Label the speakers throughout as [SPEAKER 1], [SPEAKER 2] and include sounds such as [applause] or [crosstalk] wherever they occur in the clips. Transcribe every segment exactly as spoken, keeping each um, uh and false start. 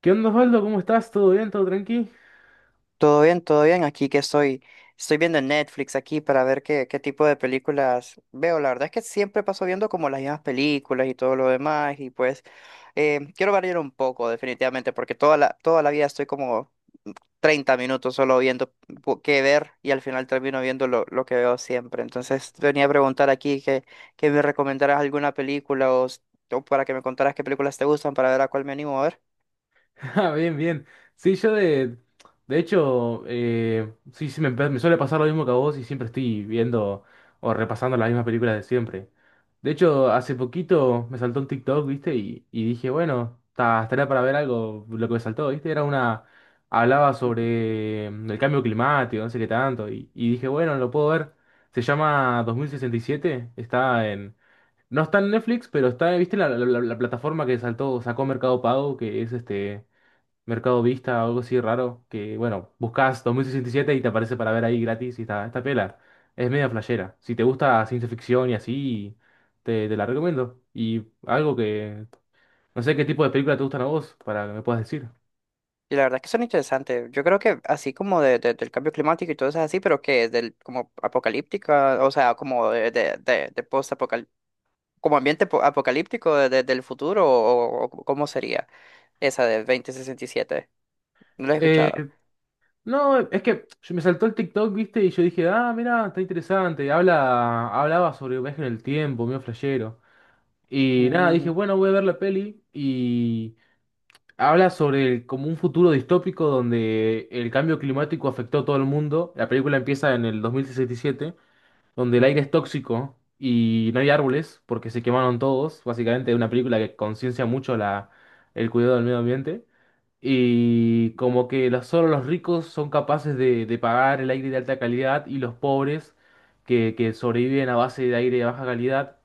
[SPEAKER 1] ¿Qué onda, Osvaldo? ¿Cómo estás? ¿Todo bien? ¿Todo tranqui?
[SPEAKER 2] Todo bien, todo bien. Aquí que estoy, estoy viendo en Netflix aquí para ver qué, qué tipo de películas veo. La verdad es que siempre paso viendo como las mismas películas y todo lo demás. Y pues eh, quiero variar un poco, definitivamente, porque toda la, toda la vida estoy como treinta minutos solo viendo po- qué ver y al final termino viendo lo, lo que veo siempre. Entonces venía a preguntar aquí que, que me recomendaras alguna película o, s- o para que me contaras qué películas te gustan para ver a cuál me animo a ver.
[SPEAKER 1] [laughs] Ah, bien, bien. Sí, yo de... De hecho, eh, sí, sí, me, pa- me suele pasar lo mismo que a vos y siempre estoy viendo o repasando las mismas películas de siempre. De hecho, hace poquito me saltó un TikTok, ¿viste? Y, y dije, bueno, ta- estaría para ver algo, lo que me saltó, ¿viste? Era una... Hablaba sobre mm, el cambio climático, no sé qué tanto. Y, y dije, bueno, lo puedo ver. Se llama dos mil sesenta y siete, está en... No está en Netflix, pero está, ¿viste la, la- la- la plataforma que saltó, sacó Mercado Pago, que es este Mercado Vista o algo así raro? Que bueno, buscas dos mil sesenta y siete y siete y te aparece para ver ahí gratis y está, está pela. Es media flashera. Si te gusta ciencia ficción y así, te, te la recomiendo. Y algo que. No sé qué tipo de película te gustan a vos, para que me puedas decir.
[SPEAKER 2] Y la verdad es que son interesantes. Yo creo que así como de, de- del cambio climático y todo eso es así, pero que es del como apocalíptica, o sea, como de, de, de, de post-apocal- como ambiente po- apocalíptico de- de- del futuro, o, o cómo sería esa de dos mil sesenta y siete. No lo he
[SPEAKER 1] Eh,
[SPEAKER 2] escuchado.
[SPEAKER 1] no, es que yo me saltó el TikTok, ¿viste? Y yo dije, ah, mira, está interesante. Habla, hablaba sobre viaje en el tiempo, medio flashero. Y nada, dije,
[SPEAKER 2] Ujú.
[SPEAKER 1] bueno, voy a ver la peli y habla sobre el- como un futuro distópico donde el cambio climático afectó a todo el mundo. La película empieza en el dos mil sesenta y siete donde el aire es tóxico y no hay árboles porque se quemaron todos. Básicamente es una película que conciencia mucho la, el cuidado del medio ambiente. Y como que los- solo los ricos son capaces de, de pagar el aire de alta calidad y los pobres que, que sobreviven a base de aire de baja calidad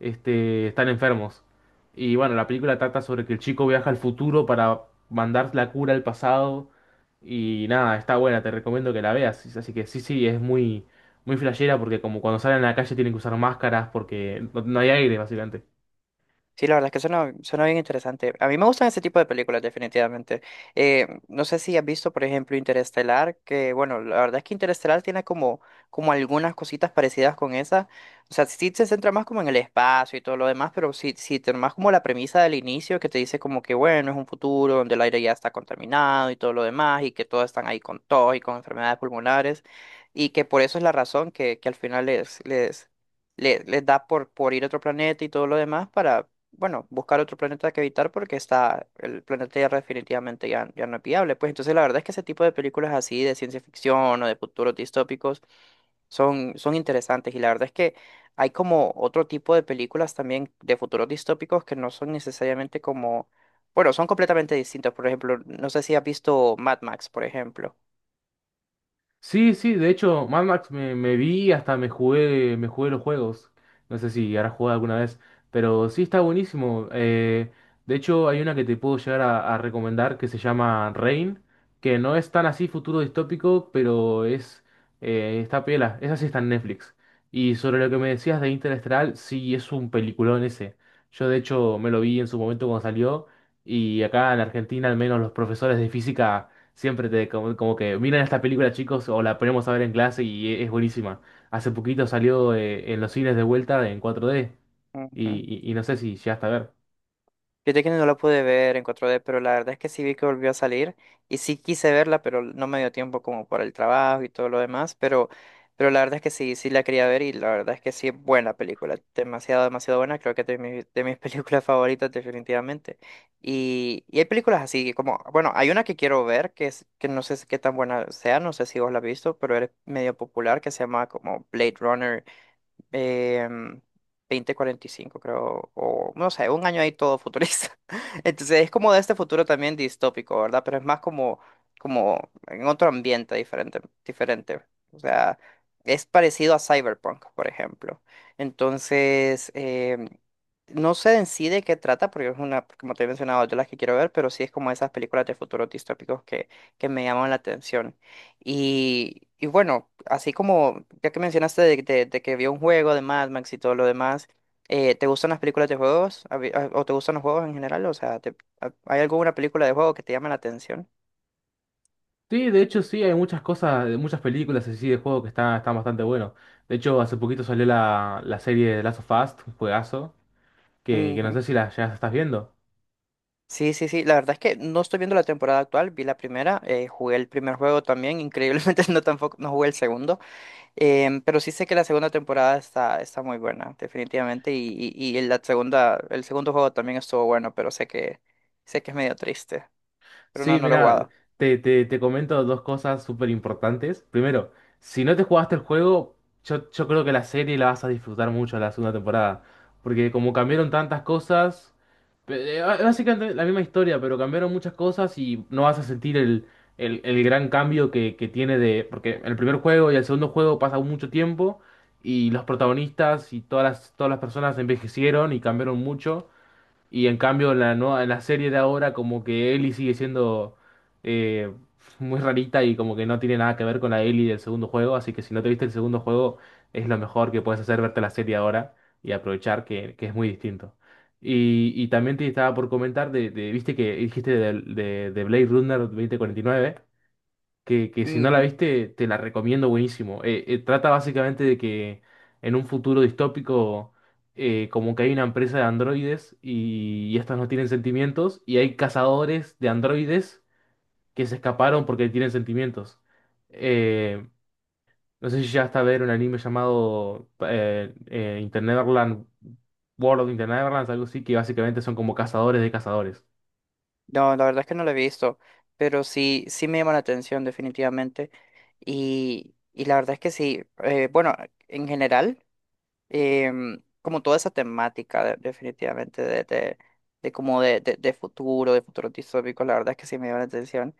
[SPEAKER 1] este, están enfermos. Y bueno, la película trata sobre que el chico viaja al futuro para mandar la cura al pasado. Y nada, está buena, te recomiendo que la veas. Así que sí, sí, es muy, muy flashera porque como cuando salen a la calle tienen que usar máscaras porque no, no hay aire, básicamente.
[SPEAKER 2] Sí, la verdad es que suena, suena bien interesante. A mí me gustan ese tipo de películas, definitivamente. Eh, no sé si has visto, por ejemplo, Interestelar, que bueno, la verdad es que Interestelar tiene como, como algunas cositas parecidas con esa. O sea, sí se centra más como en el espacio y todo lo demás, pero sí, sí tiene más como la premisa del inicio que te dice como que bueno, es un futuro donde el aire ya está contaminado y todo lo demás, y que todos están ahí con tos y con enfermedades pulmonares, y que por eso es la razón que, que al final les, les, le- les, da por, por ir a otro planeta y todo lo demás para bueno, buscar otro planeta que evitar porque está, el planeta Tierra definitivamente ya, ya no es viable. Pues entonces la verdad es que ese tipo de películas así de ciencia ficción o de futuros distópicos son, son interesantes y la verdad es que hay como otro tipo de películas también de futuros distópicos que no son necesariamente como, bueno, son completamente distintos. Por ejemplo, no sé si has visto Mad Max, por ejemplo.
[SPEAKER 1] Sí, sí, de hecho, Mad Max me, me vi, hasta me jugué, me jugué los juegos. No sé si habrás jugado alguna vez, pero sí está buenísimo. Eh, de hecho, hay una que te puedo llegar a, a recomendar que se llama Rain, que no es tan así futuro distópico, pero es eh, está piola. Esa sí está en Netflix. Y sobre lo que me decías de Interestelar, sí es un peliculón ese. Yo de hecho me lo vi en su momento cuando salió, y acá en Argentina al menos los profesores de física siempre te como, como que miren esta película, chicos, o la ponemos a ver en clase y e- es buenísima. Hace poquito salió eh, en los cines de vuelta en cuatro D
[SPEAKER 2] Ujú.
[SPEAKER 1] y, y, y no sé si llegaste a ver.
[SPEAKER 2] Yo que no la pude ver en cuatro d pero la verdad es que sí vi que volvió a salir y sí quise verla, pero no me dio tiempo como por el trabajo y todo lo demás, pero, pero la verdad es que sí, sí la quería ver y la verdad es que sí es buena película, demasiado, demasiado buena, creo que de, mi- de mis [laughs] películas favoritas definitivamente. Y, y hay películas así como, bueno, hay una que quiero ver que, es, que no sé si- qué tan buena sea, no sé si vos la has visto, pero es medio popular que se llama como Blade Runner eh, dos mil cuarenta y cinco creo, o no sé, un año ahí todo futurista. [laughs] Entonces es como de este futuro también distópico, ¿verdad? Pero es más como, como en otro ambiente diferente, diferente. O sea, es parecido a Cyberpunk, por ejemplo. Entonces, em, no sé en sí de qué trata, porque es una, como te he mencionado, de las que quiero ver, pero sí es como esas películas de futuros distópicos que, que me llaman la atención. Y, y bueno, así como ya que mencionaste de, de- de que vio un juego de Mad Max y todo lo demás, eh, ¿te gustan las películas de juegos? A vi- a- ¿O te gustan los juegos en general? O sea, te- a- ¿hay alguna película de juego que te llame la atención?
[SPEAKER 1] Sí, de hecho sí, hay muchas cosas, de muchas películas así de juego que están, están bastante buenos. De hecho, hace poquito salió la, la serie de Last of Us, un juegazo, que, que no
[SPEAKER 2] Ujú.
[SPEAKER 1] sé si la ya estás viendo.
[SPEAKER 2] Sí, sí, sí. La verdad es que no estoy viendo la temporada actual. Vi la primera, eh, jugué el primer juego también. Increíblemente [laughs] no tampoco no jugué el segundo, em, pero sí sé que la segunda temporada está, está muy buena, definitivamente. Y, y, y la segunda, el segundo juego también estuvo bueno, pero sé que sé que es medio triste. Pero no,
[SPEAKER 1] Sí,
[SPEAKER 2] no lo he
[SPEAKER 1] mira,
[SPEAKER 2] jugado.
[SPEAKER 1] te, te, te comento dos cosas súper importantes. Primero, si no te jugaste el juego, yo, yo creo que la serie la vas a disfrutar mucho la segunda temporada. Porque como cambiaron tantas cosas, pe- eh, bá- básicamente la misma historia, pero cambiaron muchas cosas y no vas a sentir el, el, el gran cambio que, que tiene de... Porque el primer juego y el segundo juego pasa mucho tiempo y los protagonistas y todas las, todas las personas envejecieron y cambiaron mucho. Y en cambio, en la, nueva- en la serie de ahora, como que Ellie sigue siendo eh, muy rarita y como que no tiene nada que ver con la Ellie del segundo juego. Así que si no te viste el segundo juego, es lo mejor que puedes hacer verte la serie ahora y aprovechar que, que es muy distinto. Y, y también te estaba por comentar, de, de- viste que dijiste de, de, de Blade Runner dos mil cuarenta y nueve que, que si no la
[SPEAKER 2] Ujú.
[SPEAKER 1] viste, te la recomiendo buenísimo. Eh, eh, trata básicamente de que en un futuro distópico, eh, como que hay una empresa de androides y, y estos no tienen sentimientos, y hay cazadores de androides que se escaparon porque tienen sentimientos. Eh, no sé si ya hasta ver un anime llamado eh, eh, Interneverland, World of Interneverland, algo así, que básicamente son como cazadores de cazadores.
[SPEAKER 2] No, la verdad es que no lo he visto, pero sí, sí me llama la atención definitivamente. Y, y la verdad es que sí, eh, bueno, en general. Em, como toda esa temática de- definitivamente de, de, de como de, de, de futuro, de futuro distópico, la verdad es que sí me dio la atención.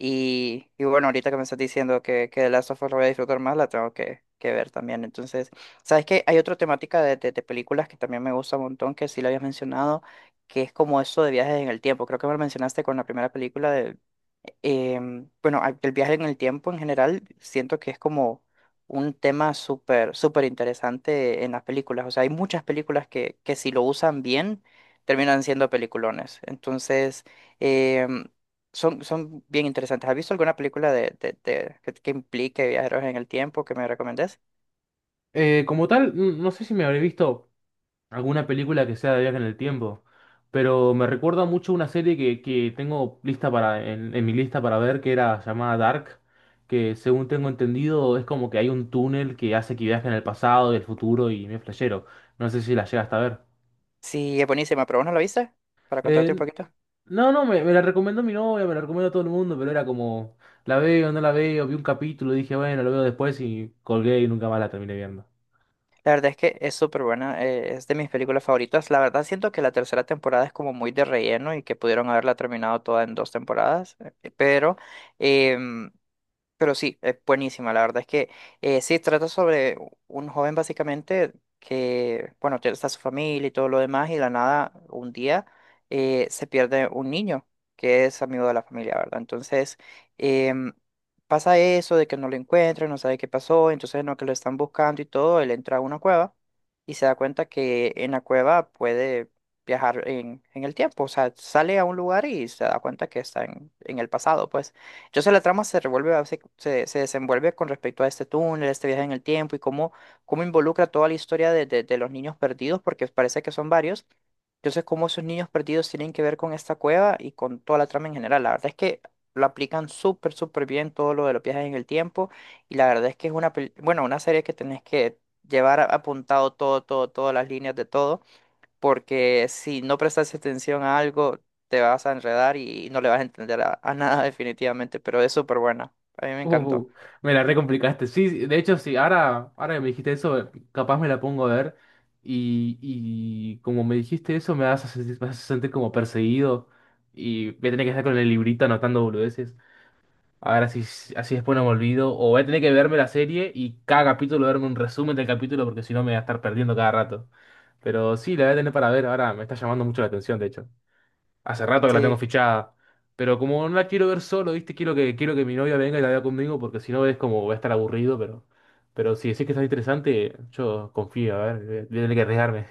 [SPEAKER 2] Y, y bueno, ahorita que me estás diciendo que, que The Last of Us lo voy a disfrutar más, la tengo que, que ver también. Entonces, ¿sabes qué? Hay otra temática de, de, de películas que también me gusta un montón, que sí lo habías mencionado, que es como eso de viajes en el tiempo. Creo que me lo mencionaste con la primera película de em, bueno, a- el viaje en el tiempo en general siento que es como un tema súper, súper interesante en las películas. O sea, hay muchas películas que, que si lo usan bien terminan siendo peliculones. Entonces, em, son, son bien interesantes. ¿Has visto alguna película de, de- de- que, que implique viajeros en el tiempo que me recomendés?
[SPEAKER 1] Eh, como tal, n- no sé si me habré visto alguna película que sea de viaje en el tiempo. Pero me recuerda mucho una serie que, que tengo lista para, en, en mi lista para ver, que era llamada Dark, que según tengo entendido es como que hay un túnel que hace que viaje en el pasado y el futuro y me flashero. No sé si la llegaste a ver.
[SPEAKER 2] Sí, es buenísima, pero ¿vos no la viste? Para contarte un
[SPEAKER 1] Eh,
[SPEAKER 2] poquito.
[SPEAKER 1] no, no, me, me la recomendó mi novia, me la recomendó todo el mundo, pero era como, la veo, no la veo, vi un capítulo, dije, bueno, lo veo después y colgué y nunca más la terminé viendo.
[SPEAKER 2] La verdad es que es súper buena, eh, es de mis películas favoritas. La verdad siento que la tercera temporada es como muy de relleno y que pudieron haberla terminado toda en dos temporadas, eh, pero em, pero sí, es buenísima. La verdad es que eh, sí, trata sobre un joven básicamente que, bueno, tiene- está su familia y todo lo demás, y de la nada, un día eh, se pierde un niño que es amigo de la familia, ¿verdad? Entonces, em, pasa eso de que no lo encuentran, no sabe qué pasó, entonces no que lo están buscando y todo, él entra a una cueva y se da cuenta que en la cueva puede viajar en, en el tiempo, o sea, sale a un lugar y se da cuenta que está en, en el pasado, pues. Entonces la trama se revuelve, a- se, se- se desenvuelve con respecto a este túnel, este viaje en el tiempo y cómo, cómo involucra toda la historia de, de- de los niños perdidos, porque parece que son varios. Entonces, cómo esos niños perdidos tienen que ver con esta cueva y con toda la trama en general. La verdad es que lo aplican súper, súper bien todo lo de los viajes en el tiempo y la verdad es que es una, pel- bueno, una serie que tenés que llevar a- apuntado todo, todo, todas las líneas de todo porque si no prestas atención a algo, te vas a enredar y no le vas a entender a, a nada [laughs] definitivamente, pero es súper buena. A mí me encantó.
[SPEAKER 1] Uh, me la recomplicaste. Sí, sí, de hecho, sí, ahora, ahora que me dijiste eso, eh, capaz me la pongo a ver. Y, y como me dijiste eso, me vas a sentir, vas a sentir como perseguido. Y voy a tener que estar con el librito anotando boludeces. A ver, así, así después no me olvido. O voy a tener que verme la serie y cada capítulo verme un resumen del capítulo porque si no me voy a estar perdiendo cada rato. Pero sí, la voy a tener para ver. Ahora me está llamando mucho la atención, de hecho. Hace rato que la tengo
[SPEAKER 2] Sí.
[SPEAKER 1] fichada. Pero como no la quiero ver solo, ¿viste? Quiero que, quiero que mi novia venga y la vea conmigo, porque si no es como voy a estar aburrido, pero, pero si decís que está interesante, yo confío, a ver, voy a voy a tener que arriesgarme.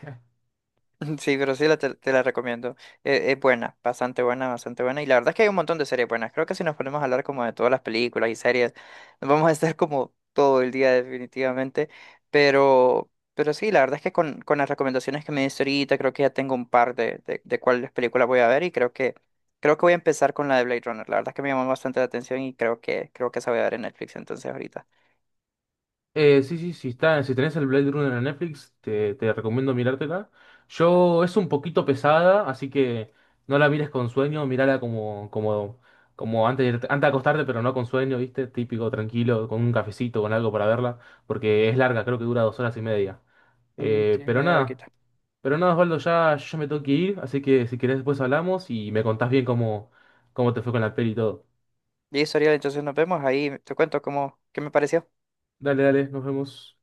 [SPEAKER 2] [laughs] Sí, pero sí, la te, te la recomiendo. Eh, es buena, bastante buena, bastante buena. Y la verdad es que hay un montón de series buenas. Creo que si nos ponemos a hablar como de todas las películas y series, nos vamos a estar como todo el día definitivamente. Pero, pero sí, la verdad es que con, con las recomendaciones que me diste ahorita, creo que ya tengo un par de, de, de cuáles películas voy a ver y creo que, creo que voy a empezar con la de Blade Runner. La verdad es que me llamó bastante la atención y creo que, creo que esa voy a ver en Netflix entonces ahorita.
[SPEAKER 1] Eh, sí, sí, sí, está, si tenés el Blade Runner en Netflix, te, te recomiendo mirártela. Yo, es un poquito pesada, así que no la mires con sueño, mírala como, como, como antes de, irte- antes de acostarte, pero no con sueño, ¿viste? Típico, tranquilo, con un cafecito, con algo para verla, porque es larga, creo que dura dos horas y media.
[SPEAKER 2] Mm, sí,
[SPEAKER 1] Eh,
[SPEAKER 2] es
[SPEAKER 1] pero
[SPEAKER 2] medio
[SPEAKER 1] nada,
[SPEAKER 2] larguita.
[SPEAKER 1] pero nada, Osvaldo, ya yo me tengo que ir, así que si querés después hablamos y me contás bien cómo, cómo te fue con la peli y todo.
[SPEAKER 2] Listo, Ariel, entonces nos vemos ahí. Te cuento cómo, qué me pareció.
[SPEAKER 1] Dale, dale, nos vemos.